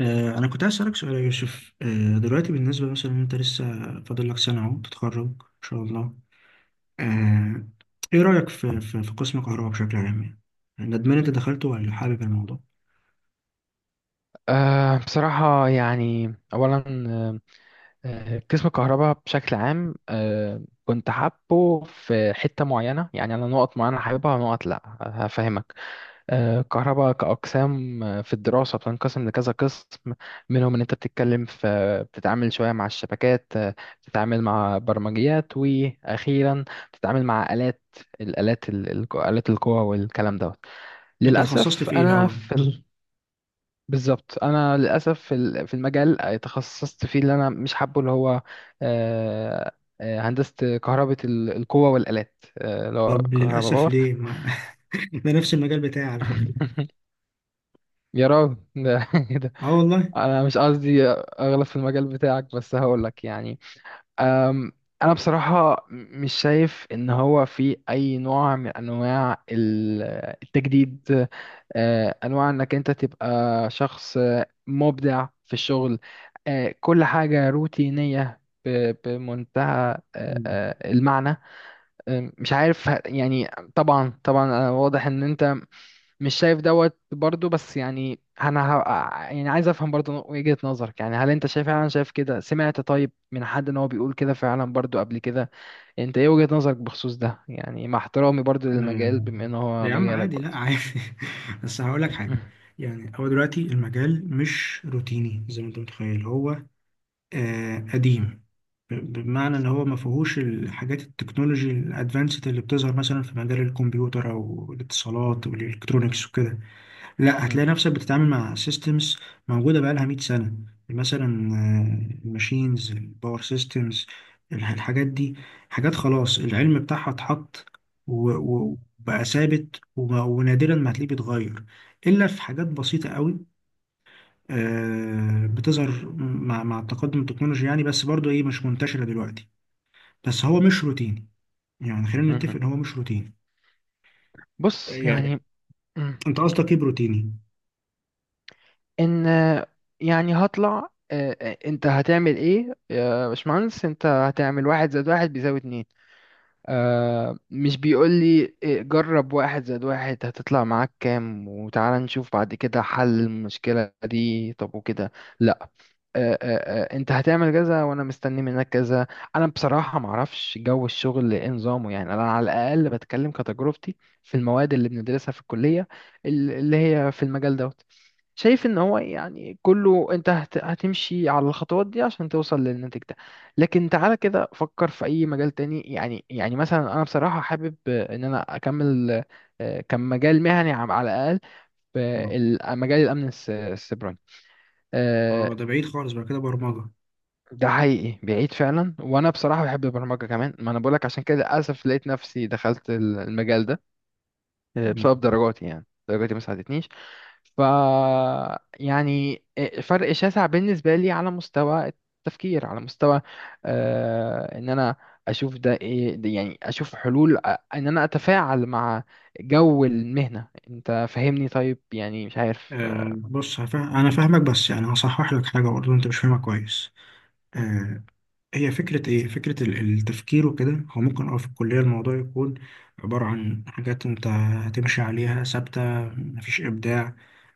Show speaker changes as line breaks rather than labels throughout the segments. أنا كنت عايز أسألك سؤال يا يوسف، دلوقتي بالنسبة مثلا أنت لسه فاضل لك سنة أهو تتخرج إن شاء الله. آه، إيه رأيك في قسم كهرباء بشكل عام يعني؟ ندمان أنت دخلته ولا حابب الموضوع؟
بصراحة، يعني أولا، أه آه، قسم الكهرباء بشكل عام كنت حابه في حتة معينة. يعني أنا نقط معينة حاببها ونقط لأ، هفهمك. الكهرباء كأقسام، في الدراسة بتنقسم لكذا قسم. منهم إن أنت بتتكلم في بتتعامل شوية مع الشبكات، بتتعامل مع برمجيات، وأخيرا بتتعامل مع آلات. الآلات ال- الآلات القوى والكلام دوت.
أنت اتخصصت
للأسف
في إيه
أنا
الأول؟
في ال- بالظبط، انا للاسف في المجال تخصصت فيه اللي انا مش حابه، اللي هو آه، هندسه كهرباء القوه والالات، اللي هو
طب
كهرباء
للأسف
باور.
ليه؟ ما... ده نفس المجال بتاعي على فكرة.
يا راجل ده ده
أه والله.
انا مش قصدي اغلط في المجال بتاعك، بس هقول لك يعني. أم، انا بصراحه مش شايف ان هو في اي نوع من انواع التجديد، انواع انك انت تبقى شخص مبدع في الشغل. كل حاجة روتينية بمنتهى
مم.
المعنى. مش عارف يعني. طبعا طبعا، واضح ان انت مش شايف دوت برضو، بس يعني انا ه... يعني عايز افهم برضو وجهة نظرك. يعني هل انت شايف فعلا، شايف كده، سمعت طيب من حد ان هو بيقول كده فعلا برضو قبل كده؟ انت ايه وجهة نظرك بخصوص ده؟ يعني مع احترامي برضو للمجال
آه،
بما ان
ده
هو
يا عم
مجالك
عادي، لا
برضو.
عادي. بس هقول لك حاجة، يعني هو دلوقتي المجال مش روتيني زي ما أنت متخيل، هو قديم، بمعنى ان هو ما فيهوش الحاجات التكنولوجي الادفانسد اللي بتظهر مثلا في مجال الكمبيوتر او الاتصالات والالكترونيكس وكده. لا، هتلاقي نفسك بتتعامل مع سيستمز موجوده بقالها 100 سنه مثلا، الماشينز، الباور سيستمز، الحاجات دي حاجات خلاص العلم بتاعها اتحط وبقى ثابت، ونادرا ما هتلاقيه بيتغير الا في حاجات بسيطه قوي، بتظهر مع التقدم التكنولوجي يعني، بس برضو ايه مش منتشره دلوقتي. بس هو مش روتيني، يعني خلينا نتفق ان هو مش روتيني.
بص
يعني
يعني. مم.
انت قصدك ايه بروتيني؟
ان، يعني هطلع، انت هتعمل ايه يا باشمهندس؟ انت هتعمل واحد زائد واحد بيساوي اتنين؟ آه مش بيقول لي إيه، جرب واحد زائد واحد هتطلع معاك كام، وتعالى نشوف بعد كده حل المشكلة دي. طب وكده انت هتعمل كذا وانا مستني منك كذا. انا بصراحه ما اعرفش جو الشغل ايه نظامه. يعني انا على الاقل بتكلم كتجربتي في المواد اللي بندرسها في الكليه، اللي هي في المجال دوت. شايف ان هو يعني كله انت هتمشي على الخطوات دي عشان توصل للنتيجة ده. لكن تعالى كده فكر في اي مجال تاني. يعني يعني مثلا انا بصراحه حابب ان انا اكمل، كمجال مهني على الاقل في
مم.
مجال الامن السيبراني،
اه،
آه،
ده بعيد خالص بقى كده، برمجة.
ده حقيقي بعيد فعلا. وانا بصراحه بحب البرمجه كمان. ما انا بقولك عشان كده للاسف لقيت نفسي دخلت المجال ده،
مم.
بسبب درجاتي. يعني درجاتي ما ساعدتنيش. ف، يعني فرق شاسع بالنسبه لي على مستوى التفكير، على مستوى ان انا اشوف ده ايه ده. يعني اشوف حلول، ان انا اتفاعل مع جو المهنه. انت فاهمني؟ طيب، يعني مش عارف
بص، هفهم، انا فاهمك، بس يعني هصحح لك حاجه برضه انت مش فاهمها كويس. آه هي فكره ايه، فكره التفكير وكده. هو ممكن في الكليه الموضوع يكون عباره عن حاجات انت هتمشي عليها ثابته، مفيش ابداع.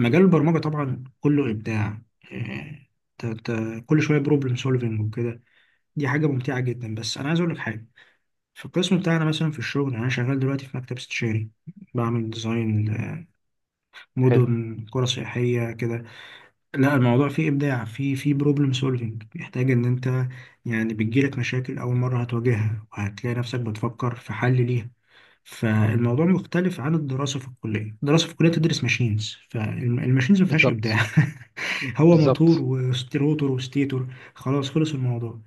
مجال البرمجه طبعا كله ابداع، آه كل شويه بروبلم سولفنج وكده، دي حاجه ممتعه جدا. بس انا عايز اقول لك حاجه، في القسم بتاعنا مثلا، في الشغل يعني، أنا شغال دلوقتي في مكتب استشاري، بعمل ديزاين،
حلو.
مدن قرى سياحية كده. لا،
مم.
الموضوع فيه إبداع، فيه بروبلم سولفينج، بيحتاج إن أنت يعني بتجيلك مشاكل أول مرة هتواجهها، وهتلاقي نفسك بتفكر في حل ليها. فالموضوع مختلف عن الدراسة في الكلية. الدراسة في الكلية تدرس ماشينز، فالماشينز ما فيهاش إبداع
بالظبط
هو موتور
بالظبط.
وستيروتور وستيتور، خلاص، خلص الموضوع.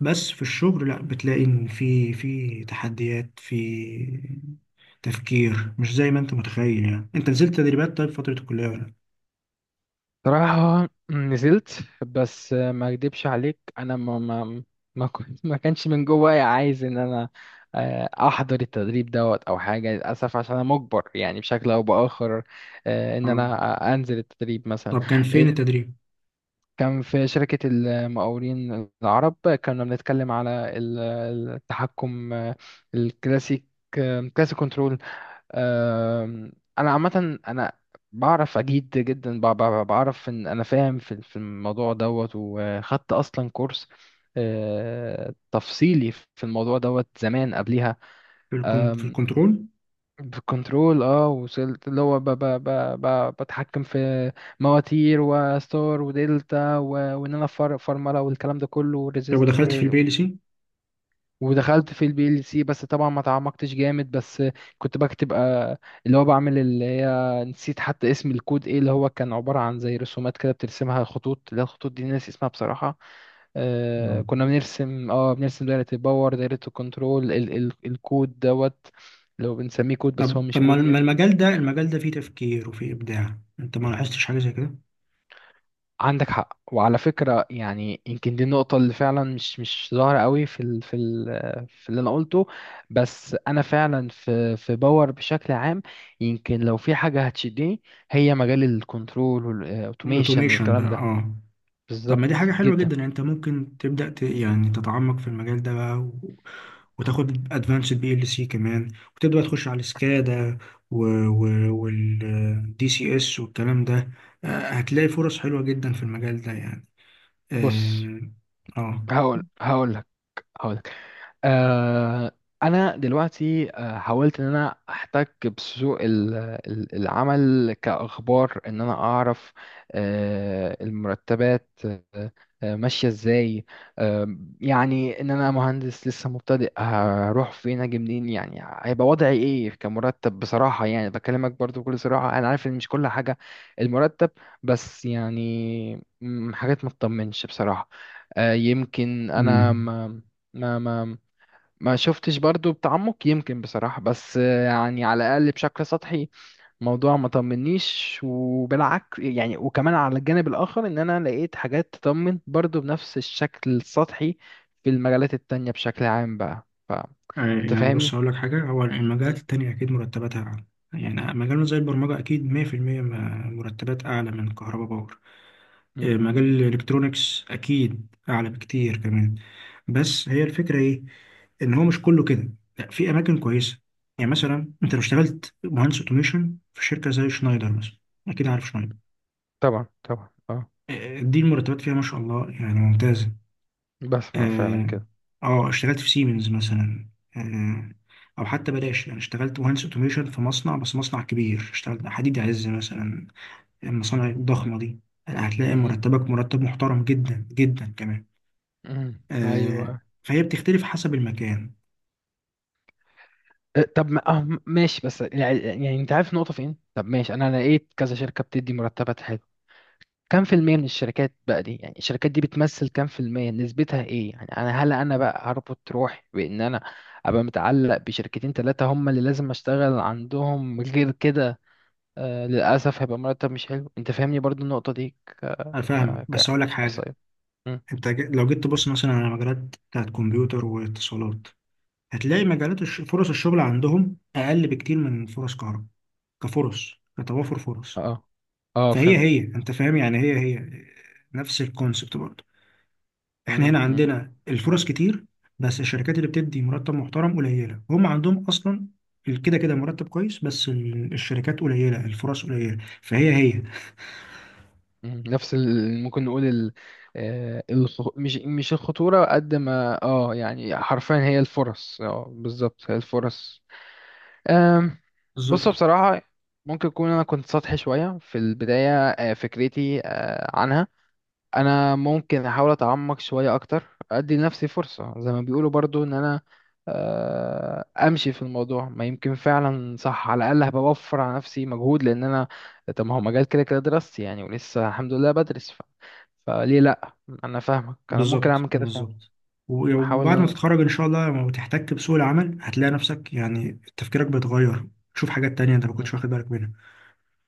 بس في الشغل لا، بتلاقي إن في تحديات في تفكير، مش زي ما أنت متخيل. يعني أنت نزلت تدريبات طيب فترة الكلية ولا لأ؟
صراحة نزلت، بس ما اكدبش عليك، انا ما, كنت ما كانش من جوايا عايز ان انا احضر التدريب دوت او حاجة، للاسف عشان انا مجبر يعني بشكل او باخر ان
آه.
انا انزل التدريب مثلا.
طب كان فين
إيه،
التدريب؟
كان في شركة المقاولين العرب. كنا بنتكلم على ال- التحكم الكلاسيك، كلاسيك كنترول. أم، انا عامه انا بعرف اجيد جدا، بعرف ان انا فاهم في في الموضوع دوت. وخدت اصلا كورس تفصيلي في الموضوع دوت زمان قبليها.
في في
أم،
الكنترول؟
بالكنترول، اه وصلت اللي هو ب بتحكم في مواتير وستار ودلتا، وان انا فرمله والكلام ده كله.
طب ودخلت في البي ال سي؟
ودخلت في البي ال سي، بس طبعا ما تعمقتش جامد. بس كنت بكتب، اللي هو بعمل اللي هي، نسيت حتى اسم الكود ايه. اللي هو كان عبارة عن زي رسومات كده بترسمها خطوط، اللي هي الخطوط دي ناس اسمها بصراحة.
آه.
كنا بنرسم، بنرسم دايرة الباور، دايرة الكنترول، ال ال الكود دوت. لو بنسميه كود، بس هو
طب
مش
طب
كود
ما
يعني.
المجال ده، المجال ده فيه تفكير وفيه إبداع، أنت ما لاحظتش حاجة زي كده؟
عندك حق، وعلى فكرة يعني يمكن دي النقطة اللي فعلا مش ظاهرة قوي في ال في ال في اللي أنا قلته. بس أنا فعلا في في باور بشكل عام، يمكن لو في حاجة هتشدني، هي مجال الكنترول والأوتوميشن
الاوتوميشن بقى،
والكلام ده.
اه. طب ما دي
بالظبط
حاجة حلوة
جدا.
جدا، يعني انت ممكن يعني تتعمق في المجال ده بقى، وتاخد ادفانسد بي ال سي كمان، وتبدأ تخش على السكادا، و... و... والدي سي اس والكلام ده. هتلاقي فرص حلوة جدا في المجال ده يعني.
بص،
اه. آه.
هقول هقول لك هقول لك، آه، انا دلوقتي حاولت ان انا احتك بسوق العمل كاخبار ان انا اعرف المرتبات ماشيه ازاي. يعني ان انا مهندس لسه مبتدئ، هروح فين اجي منين؟ يعني هيبقى وضعي ايه كمرتب بصراحه. يعني بكلمك برضو بكل صراحه، انا عارف ان مش كل حاجه المرتب، بس يعني حاجات ما تطمنش بصراحه. يمكن انا
امم
ما ما ما شفتش برضو بتعمق يمكن بصراحة، بس يعني على الأقل بشكل سطحي الموضوع ما طمنيش. وبالعكس يعني، وكمان على الجانب الآخر إن أنا لقيت حاجات تطمن برضو بنفس الشكل السطحي في المجالات التانية بشكل عام بقى. فأنت
يعني بص،
فاهمني؟
هقول لك حاجة، هو المجالات
مم.
التانية أكيد مرتباتها أعلى، يعني مجالنا زي البرمجة أكيد 100% مرتبات أعلى من كهرباء باور.
مم.
مجال الالكترونيكس اكيد اعلى بكتير كمان. بس هي الفكره ايه، ان هو مش كله كده، لا، في اماكن كويسه. يعني مثلا انت لو اشتغلت مهندس اوتوميشن في شركه زي شنايدر مثلا، اكيد عارف شنايدر.
طبعا طبعا اه.
دي المرتبات فيها ما شاء الله يعني ممتازه.
بسمع فعلا
اه.
كده.
اشتغلت في سيمنز مثلا، آه او حتى بلاش، يعني اشتغلت مهندس اوتوميشن في مصنع، بس مصنع كبير، اشتغلت حديد عز مثلا. المصانع الضخمه دي هتلاقي
مم.
مرتبك مرتب محترم جدا جدا كمان.
مم.
آه،
ايوه.
فهي بتختلف حسب المكان.
أه، طب ما- اه ماشي، بس يعني يعني انت عارف النقطة فين؟ طب ماشي، انا لقيت كذا شركة بتدي مرتبات. كم في المية من الشركات بقى دي؟ يعني الشركات دي بتمثل كم في المية، نسبتها ايه؟ يعني انا هل انا بقى هربط روحي بان انا ابقى متعلق بشركتين تلاتة هم اللي لازم اشتغل عندهم؟ غير كده للاسف هيبقى مرتب مش حلو. انت فاهمني برضو النقطة دي؟ ك
انا فاهمك
ك
بس اقول لك حاجه،
احصائيات. مم.
لو جيت تبص مثلا على مجالات بتاعت كمبيوتر واتصالات، هتلاقي مجالات فرص الشغل عندهم اقل بكتير من فرص كهرباء، كفرص، كتوافر فرص.
اه اه
فهي هي،
فهمت.
انت فاهم يعني، هي هي نفس الكونسبت برضه. احنا هنا
مم. مم.
عندنا الفرص كتير، بس الشركات اللي بتدي مرتب محترم قليله، هم عندهم اصلا كده كده مرتب كويس، بس الشركات قليله، الفرص قليله، فهي هي.
مم. نفس ال... ممكن نقول ال... الخ... مش الخطورة قد ما اه، يعني حرفيا هي الفرص، اه بالظبط هي الفرص. بص
بالظبط،
بصراحة، ممكن يكون أنا كنت سطحي شوية في البداية، فكرتي عنها. أنا ممكن أحاول أتعمق شوية أكتر، أدي لنفسي فرصة زي ما بيقولوا برضو إن أنا أمشي في الموضوع، ما يمكن فعلا صح. على الأقل هبقى بوفر على نفسي مجهود، لأن أنا طب ما هو مجال كده كده دراستي يعني، ولسه الحمد لله بدرس ف... فليه لأ. أنا فاهمك، أنا ممكن
بالظبط،
أعمل كده فعلا.
بالظبط.
أحاول إن
وبعد ما
أنا.
تتخرج ان شاء الله، لما تحتك بسوق العمل هتلاقي نفسك يعني تفكيرك بيتغير، تشوف حاجات تانية انت ما كنتش
مم.
واخد بالك منها.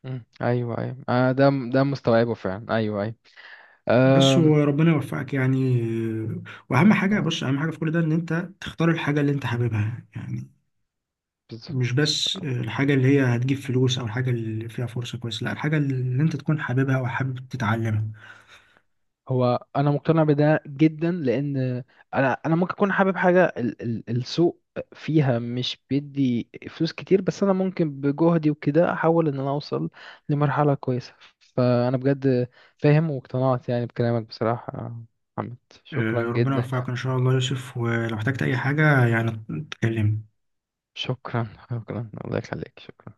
مم. أيوه أيوه، ده مستوعبه فعلا، أيوه أيوه.
بس وربنا يوفقك يعني. واهم حاجة،
أم...
بص، اهم حاجة في كل ده ان انت تختار الحاجة اللي انت حاببها، يعني
بالظبط.
مش بس الحاجة اللي هي هتجيب فلوس او الحاجة اللي فيها فرصة كويسة، لا، الحاجة اللي انت تكون حاببها وحابب تتعلمها.
هو انا مقتنع بده جدا، لان انا ممكن اكون حابب حاجه ال ال السوق فيها مش بيدي فلوس كتير، بس انا ممكن بجهدي وكده احاول ان انا اوصل لمرحله كويسه. فانا بجد فاهم واقتنعت يعني بكلامك بصراحه يا محمد. شكرا
آه، ربنا
جدا.
يوفقك ان شاء الله يا يوسف، ولو احتجت اي حاجة يعني تكلمني.
شكرا شكرا الله يخليك، شكرا.